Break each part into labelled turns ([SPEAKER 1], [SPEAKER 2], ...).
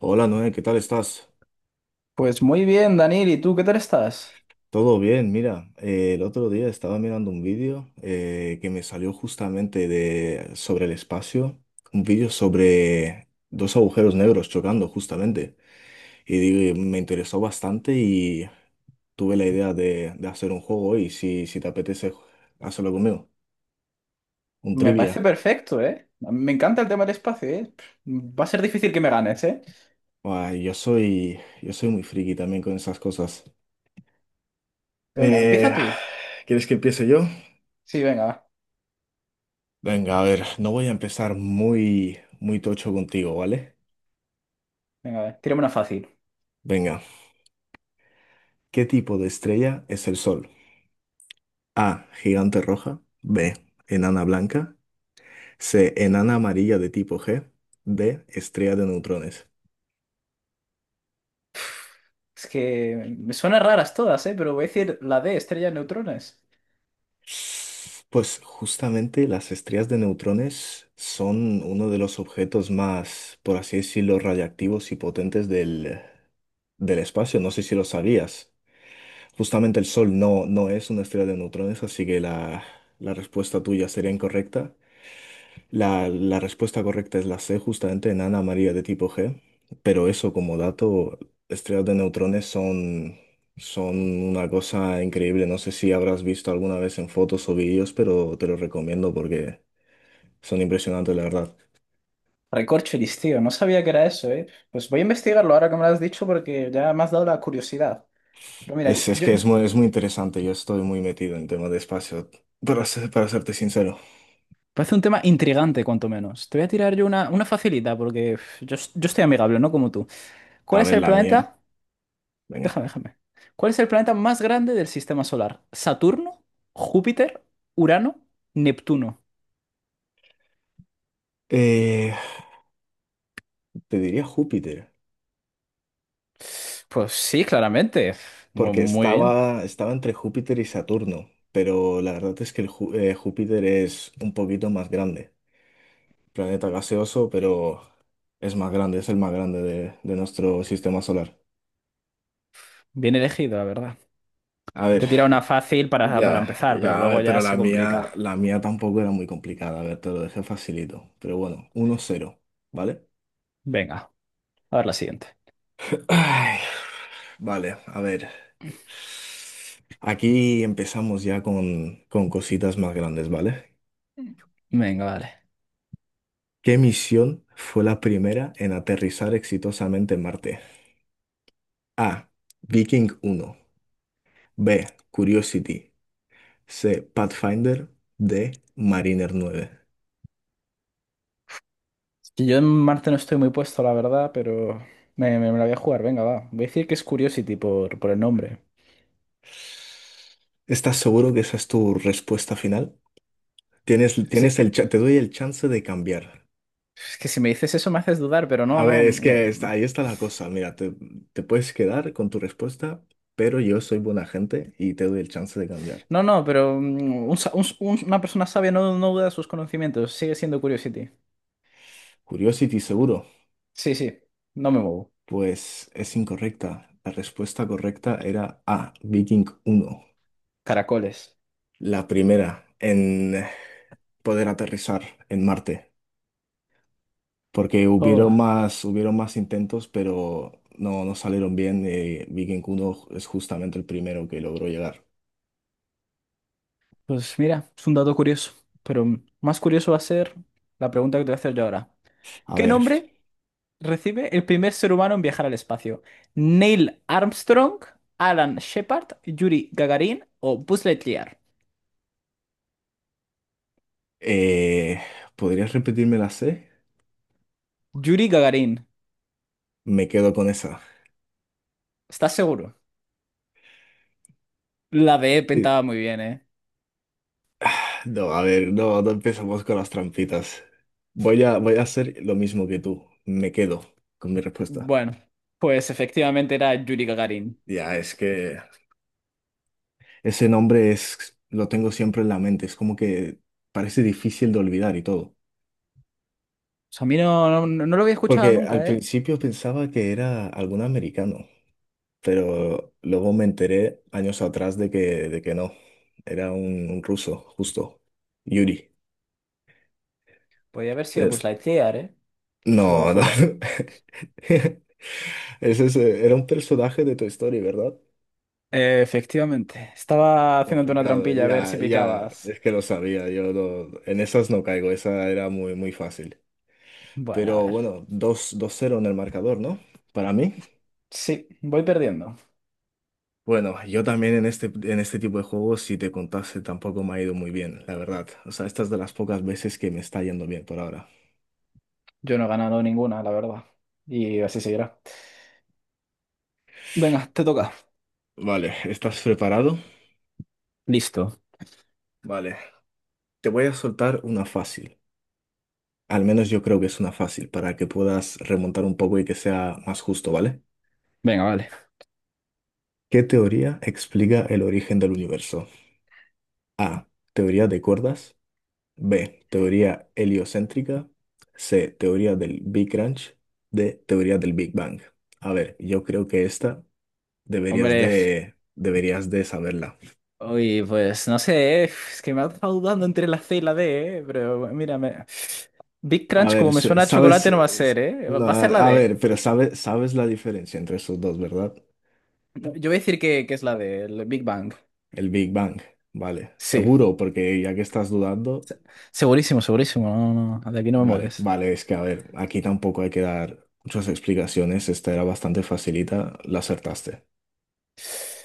[SPEAKER 1] Hola Noé, ¿qué tal estás?
[SPEAKER 2] Pues muy bien, Daniel, ¿y tú qué tal estás?
[SPEAKER 1] Todo bien, mira, el otro día estaba mirando un vídeo que me salió justamente sobre el espacio, un vídeo sobre dos agujeros negros chocando justamente, y me interesó bastante y tuve la idea de hacer un juego y si te apetece, hacerlo conmigo, un
[SPEAKER 2] Me parece
[SPEAKER 1] trivia.
[SPEAKER 2] perfecto, ¿eh? A mí me encanta el tema del espacio, ¿eh? Pff, va a ser difícil que me ganes, ¿eh?
[SPEAKER 1] Ah, yo soy muy friki también con esas cosas.
[SPEAKER 2] Venga,
[SPEAKER 1] Eh,
[SPEAKER 2] empieza tú.
[SPEAKER 1] ¿Quieres que empiece yo?
[SPEAKER 2] Sí, venga, va.
[SPEAKER 1] Venga, a ver, no voy a empezar muy, muy tocho contigo, ¿vale?
[SPEAKER 2] Venga, a ver, tírame una fácil.
[SPEAKER 1] Venga, ¿qué tipo de estrella es el Sol? A, gigante roja, B, enana blanca, C, enana amarilla de tipo G, D, estrella de neutrones.
[SPEAKER 2] Es que me suenan raras todas, ¿eh? Pero voy a decir la D, estrella de neutrones.
[SPEAKER 1] Pues justamente las estrellas de neutrones son uno de los objetos más, por así decirlo, radiactivos y potentes del espacio. No sé si lo sabías. Justamente el Sol no es una estrella de neutrones, así que la respuesta tuya sería incorrecta. La respuesta correcta es la C, justamente enana amarilla de tipo G. Pero eso como dato, estrellas de neutrones son una cosa increíble. No sé si habrás visto alguna vez en fotos o vídeos, pero te lo recomiendo porque son impresionantes, la verdad.
[SPEAKER 2] Recorcholis, tío, no sabía que era eso, ¿eh? Pues voy a investigarlo ahora que me lo has dicho porque ya me has dado la curiosidad. Pero mira,
[SPEAKER 1] Es que es muy, es muy interesante. Yo estoy muy metido en temas de espacio, para serte sincero.
[SPEAKER 2] parece un tema intrigante, cuanto menos. Te voy a tirar yo una facilita porque pff, yo estoy amigable, no como tú.
[SPEAKER 1] A
[SPEAKER 2] ¿Cuál es
[SPEAKER 1] ver,
[SPEAKER 2] el
[SPEAKER 1] la mía.
[SPEAKER 2] planeta?
[SPEAKER 1] Venga.
[SPEAKER 2] Déjame, déjame. ¿Cuál es el planeta más grande del sistema solar? ¿Saturno? ¿Júpiter? ¿Urano? ¿Neptuno?
[SPEAKER 1] Eh, Te diría Júpiter,
[SPEAKER 2] Pues sí, claramente.
[SPEAKER 1] porque
[SPEAKER 2] Muy bien.
[SPEAKER 1] estaba entre Júpiter y Saturno, pero la verdad es que Júpiter es un poquito más grande. Planeta gaseoso, pero es más grande, es el más grande de nuestro sistema solar.
[SPEAKER 2] Bien elegido, la verdad.
[SPEAKER 1] A ver,
[SPEAKER 2] Te tira una fácil para
[SPEAKER 1] ya,
[SPEAKER 2] empezar, pero
[SPEAKER 1] ya, a
[SPEAKER 2] luego
[SPEAKER 1] ver,
[SPEAKER 2] ya
[SPEAKER 1] pero la
[SPEAKER 2] se complica.
[SPEAKER 1] mía, la mía tampoco era muy complicada. A ver, te lo dejé facilito. Pero bueno, 1-0, ¿vale?
[SPEAKER 2] Venga, a ver la siguiente.
[SPEAKER 1] Ay, vale, a ver. Aquí empezamos ya con cositas más grandes, ¿vale?
[SPEAKER 2] Venga, vale.
[SPEAKER 1] ¿Qué misión fue la primera en aterrizar exitosamente en Marte? A. Viking 1. B. Curiosity. C. Pathfinder. D. Mariner 9.
[SPEAKER 2] que Yo en Marte no estoy muy puesto, la verdad, pero me la voy a jugar. Venga, va. Voy a decir que es Curiosity por el nombre.
[SPEAKER 1] ¿Estás seguro que esa es tu respuesta final?
[SPEAKER 2] Sí,
[SPEAKER 1] Te doy el chance de cambiar.
[SPEAKER 2] es que si me dices eso me haces dudar, pero no,
[SPEAKER 1] A ver,
[SPEAKER 2] no,
[SPEAKER 1] es que
[SPEAKER 2] no.
[SPEAKER 1] ahí está la cosa. Mira, te puedes quedar con tu respuesta, pero yo soy buena gente y te doy el chance de cambiar.
[SPEAKER 2] No, no, pero un sa- un- una persona sabia no, no duda de sus conocimientos, sigue siendo Curiosity.
[SPEAKER 1] Curiosity, seguro.
[SPEAKER 2] Sí, sí, no me muevo.
[SPEAKER 1] Pues es incorrecta. La respuesta correcta era A, Viking 1,
[SPEAKER 2] Caracoles.
[SPEAKER 1] la primera en poder aterrizar en Marte, porque hubieron
[SPEAKER 2] Oh,
[SPEAKER 1] más, hubieron más intentos, pero no salieron bien. Viking 1 es justamente el primero que logró llegar.
[SPEAKER 2] pues mira, es un dato curioso, pero más curioso va a ser la pregunta que te voy a hacer yo ahora.
[SPEAKER 1] A
[SPEAKER 2] ¿Qué
[SPEAKER 1] ver,
[SPEAKER 2] nombre recibe el primer ser humano en viajar al espacio? ¿Neil Armstrong, Alan Shepard, Yuri Gagarin o Buzz Lightyear?
[SPEAKER 1] eh, ¿podrías repetirme la C?
[SPEAKER 2] Yuri Gagarin,
[SPEAKER 1] Me quedo con esa.
[SPEAKER 2] ¿estás seguro? La B
[SPEAKER 1] Sí.
[SPEAKER 2] pintaba muy bien, ¿eh?
[SPEAKER 1] No, a ver, no empecemos con las trampitas. Voy a hacer lo mismo que tú. Me quedo con mi respuesta.
[SPEAKER 2] Bueno, pues efectivamente era Yuri Gagarin.
[SPEAKER 1] Ya, es que ese nombre lo tengo siempre en la mente, es como que parece difícil de olvidar y todo.
[SPEAKER 2] O sea, a mí no, no, no lo había escuchado
[SPEAKER 1] Porque al
[SPEAKER 2] nunca, ¿eh?
[SPEAKER 1] principio pensaba que era algún americano, pero luego me enteré años atrás de que no, era un ruso, justo, Yuri.
[SPEAKER 2] Podría haber sido pues
[SPEAKER 1] Es-
[SPEAKER 2] Lightyear, ¿eh? Yo se lo
[SPEAKER 1] no, no.
[SPEAKER 2] dejó caer.
[SPEAKER 1] Era un personaje de tu historia, ¿verdad?
[SPEAKER 2] Efectivamente. Estaba haciéndote una
[SPEAKER 1] Complicado,
[SPEAKER 2] trampilla a ver
[SPEAKER 1] ya,
[SPEAKER 2] si
[SPEAKER 1] ya,
[SPEAKER 2] picabas.
[SPEAKER 1] es que lo sabía, yo no- en esas no caigo, esa era muy, muy fácil.
[SPEAKER 2] Bueno, a
[SPEAKER 1] Pero
[SPEAKER 2] ver.
[SPEAKER 1] bueno, dos cero en el marcador, ¿no? Para mí.
[SPEAKER 2] Sí, voy perdiendo.
[SPEAKER 1] Bueno, yo también en este tipo de juegos, si te contase, tampoco me ha ido muy bien, la verdad. O sea, estas de las pocas veces que me está yendo bien por ahora.
[SPEAKER 2] Yo no he ganado ninguna, la verdad. Y así seguirá. Venga, te toca.
[SPEAKER 1] Vale, ¿estás preparado?
[SPEAKER 2] Listo.
[SPEAKER 1] Vale, te voy a soltar una fácil. Al menos yo creo que es una fácil, para que puedas remontar un poco y que sea más justo, ¿vale?
[SPEAKER 2] Venga, vale.
[SPEAKER 1] ¿Qué teoría explica el origen del universo? A. Teoría de cuerdas. B. Teoría heliocéntrica. C. Teoría del Big Crunch. D. Teoría del Big Bang. A ver, yo creo que esta deberías
[SPEAKER 2] Hombre,
[SPEAKER 1] de, deberías de saberla.
[SPEAKER 2] pues no sé, es que me ha dejado dudando entre la C y la D, pero mírame. Big
[SPEAKER 1] A
[SPEAKER 2] Crunch,
[SPEAKER 1] ver,
[SPEAKER 2] como me suena a
[SPEAKER 1] sabes,
[SPEAKER 2] chocolate, no va a ser, ¿eh?
[SPEAKER 1] no,
[SPEAKER 2] Va a ser la
[SPEAKER 1] a
[SPEAKER 2] D.
[SPEAKER 1] ver, pero sabes la diferencia entre esos dos, ¿verdad?
[SPEAKER 2] Yo voy a decir que es la D, el Big Bang.
[SPEAKER 1] El Big Bang, vale.
[SPEAKER 2] Sí,
[SPEAKER 1] Seguro, porque ya que estás dudando,
[SPEAKER 2] se- segurísimo, segurísimo. No, no, de aquí no me
[SPEAKER 1] vale,
[SPEAKER 2] mueves.
[SPEAKER 1] vale, es que a ver, aquí tampoco hay que dar muchas explicaciones. Esta era bastante facilita, la acertaste.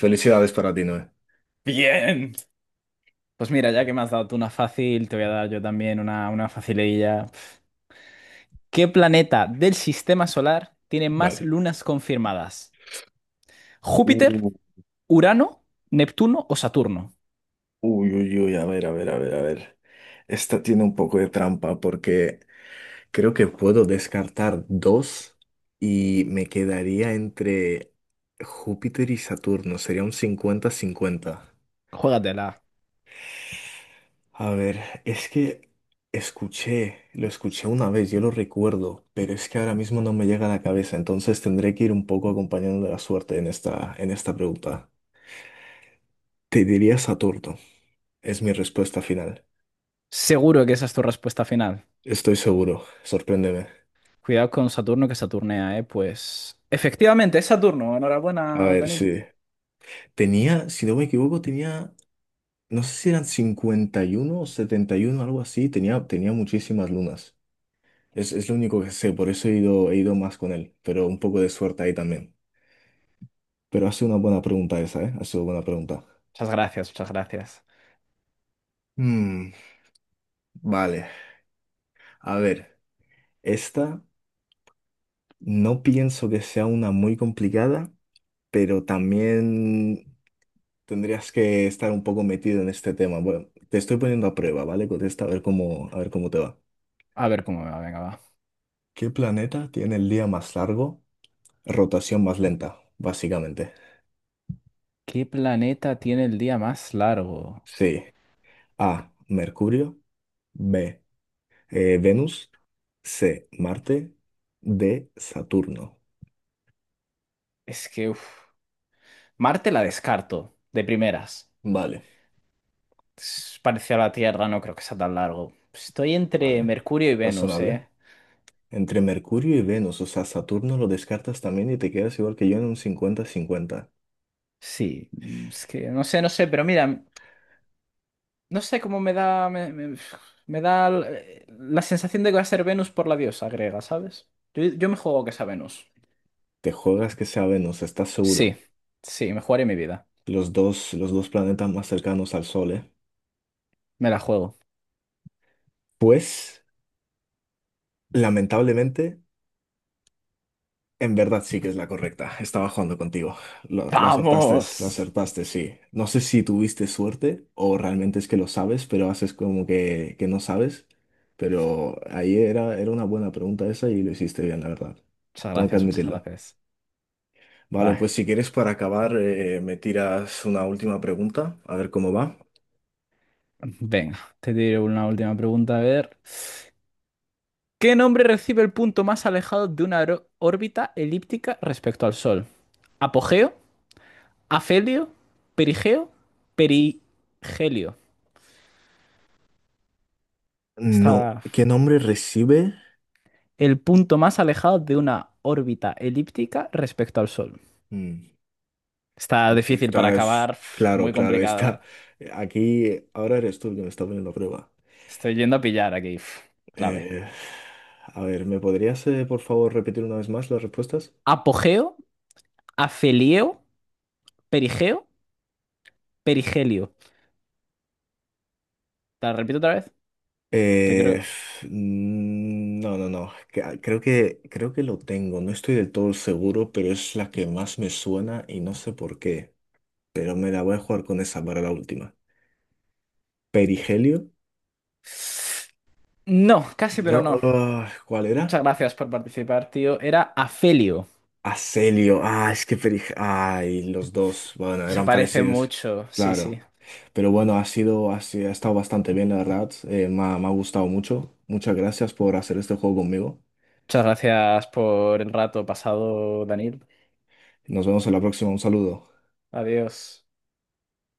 [SPEAKER 1] Felicidades para ti, Noé.
[SPEAKER 2] Bien. Pues mira, ya que me has dado tú una fácil, te voy a dar yo también una facililla. ¿Qué planeta del sistema solar tiene más
[SPEAKER 1] Vale.
[SPEAKER 2] lunas confirmadas? ¿Júpiter, Urano, Neptuno o Saturno?
[SPEAKER 1] Uy, uy, uy, a ver, a ver, a ver, a ver. Esta tiene un poco de trampa porque creo que puedo descartar dos y me quedaría entre Júpiter y Saturno. Sería un 50-50.
[SPEAKER 2] Juégatela.
[SPEAKER 1] A ver, es que escuché, lo escuché una vez, yo lo recuerdo, pero es que ahora mismo no me llega a la cabeza, entonces tendré que ir un poco acompañando la suerte en esta pregunta. Te diría Saturno, es mi respuesta final.
[SPEAKER 2] Seguro que esa es tu respuesta final.
[SPEAKER 1] Estoy seguro, sorpréndeme.
[SPEAKER 2] Cuidado con Saturno que Saturnea, ¿eh? Pues efectivamente es Saturno.
[SPEAKER 1] A
[SPEAKER 2] Enhorabuena,
[SPEAKER 1] ver,
[SPEAKER 2] Daniel.
[SPEAKER 1] sí. Tenía, si no me equivoco, tenía, no sé si eran 51 o 71, algo así. Tenía muchísimas lunas. Es lo único que sé, por eso he ido más con él. Pero un poco de suerte ahí también. Pero ha sido una buena pregunta esa, ¿eh? Ha sido buena pregunta.
[SPEAKER 2] Muchas gracias, muchas gracias.
[SPEAKER 1] Mm, vale, a ver. Esta no pienso que sea una muy complicada, pero también tendrías que estar un poco metido en este tema. Bueno, te estoy poniendo a prueba, ¿vale? Contesta, a ver cómo te va.
[SPEAKER 2] A ver cómo me va, venga, va.
[SPEAKER 1] ¿Qué planeta tiene el día más largo, rotación más lenta, básicamente?
[SPEAKER 2] ¿Qué planeta tiene el día más largo?
[SPEAKER 1] Sí. A. Mercurio. B. Venus. C. Marte. D. Saturno.
[SPEAKER 2] Es que, uf. Marte la descarto, de primeras.
[SPEAKER 1] Vale,
[SPEAKER 2] Es parecido a la Tierra, no creo que sea tan largo. Estoy entre
[SPEAKER 1] vale.
[SPEAKER 2] Mercurio y Venus,
[SPEAKER 1] Razonable.
[SPEAKER 2] ¿eh?
[SPEAKER 1] Entre Mercurio y Venus, o sea, Saturno lo descartas también y te quedas igual que yo en un 50-50.
[SPEAKER 2] Sí, es que no sé, no sé, pero mira, no sé cómo me da. Me da la sensación de que va a ser Venus por la diosa griega, ¿sabes? Yo me juego que sea Venus.
[SPEAKER 1] Te juegas que sea Venus, estás
[SPEAKER 2] Sí,
[SPEAKER 1] seguro.
[SPEAKER 2] sí, me jugaré mi vida.
[SPEAKER 1] Los dos planetas más cercanos al Sol, ¿eh?
[SPEAKER 2] Me la juego.
[SPEAKER 1] Pues, lamentablemente. En verdad sí que es la correcta. Estaba jugando contigo. Lo acertaste, lo
[SPEAKER 2] ¡Vamos!
[SPEAKER 1] acertaste, sí. No sé si tuviste suerte o realmente es que lo sabes, pero haces como que no sabes. Pero ahí era una buena pregunta esa y lo hiciste bien, la verdad.
[SPEAKER 2] Muchas
[SPEAKER 1] Tengo que
[SPEAKER 2] gracias, muchas
[SPEAKER 1] admitirlo.
[SPEAKER 2] gracias.
[SPEAKER 1] Vale,
[SPEAKER 2] Bye.
[SPEAKER 1] pues si quieres para acabar, me tiras una última pregunta, a ver cómo va.
[SPEAKER 2] Venga, te diré una última pregunta. A ver, ¿qué nombre recibe el punto más alejado de una órbita elíptica respecto al Sol? ¿Apogeo? ¿Afelio? ¿Perigeo? ¿Perigelio?
[SPEAKER 1] No,
[SPEAKER 2] Está
[SPEAKER 1] ¿qué nombre recibe?
[SPEAKER 2] el punto más alejado de una órbita elíptica respecto al Sol.
[SPEAKER 1] Mm,
[SPEAKER 2] Está difícil para acabar, pf,
[SPEAKER 1] Claro,
[SPEAKER 2] muy
[SPEAKER 1] claro,
[SPEAKER 2] complicada.
[SPEAKER 1] aquí ahora eres tú el que me está poniendo a prueba.
[SPEAKER 2] Estoy yendo a pillar aquí, pf, clave.
[SPEAKER 1] Eh, a ver, ¿me podrías, por favor, repetir una vez más las respuestas?
[SPEAKER 2] ¿Apogeo? ¿Afelio? ¿Perigeo? ¿Perigelio? Te la repito otra vez, que
[SPEAKER 1] Eh,
[SPEAKER 2] creo.
[SPEAKER 1] no, no, no. Creo que lo tengo. No estoy del todo seguro, pero es la que más me suena y no sé por qué. Pero me la voy a jugar con esa para la última. ¿Perigelio?
[SPEAKER 2] No, casi, pero
[SPEAKER 1] No.
[SPEAKER 2] no.
[SPEAKER 1] ¿Cuál
[SPEAKER 2] Muchas
[SPEAKER 1] era?
[SPEAKER 2] gracias por participar, tío. Era Afelio.
[SPEAKER 1] Aselio. Ah, es que Perigelio. Ay, los dos. Bueno,
[SPEAKER 2] Se
[SPEAKER 1] eran
[SPEAKER 2] parece
[SPEAKER 1] parecidos.
[SPEAKER 2] mucho, sí,
[SPEAKER 1] Claro.
[SPEAKER 2] sí.
[SPEAKER 1] Pero bueno, ha sido, ha, si- ha estado bastante bien, la verdad. Me ha gustado mucho. Muchas gracias por hacer este juego conmigo.
[SPEAKER 2] Muchas gracias por el rato pasado, Daniel.
[SPEAKER 1] Nos vemos en la próxima. Un saludo.
[SPEAKER 2] Adiós.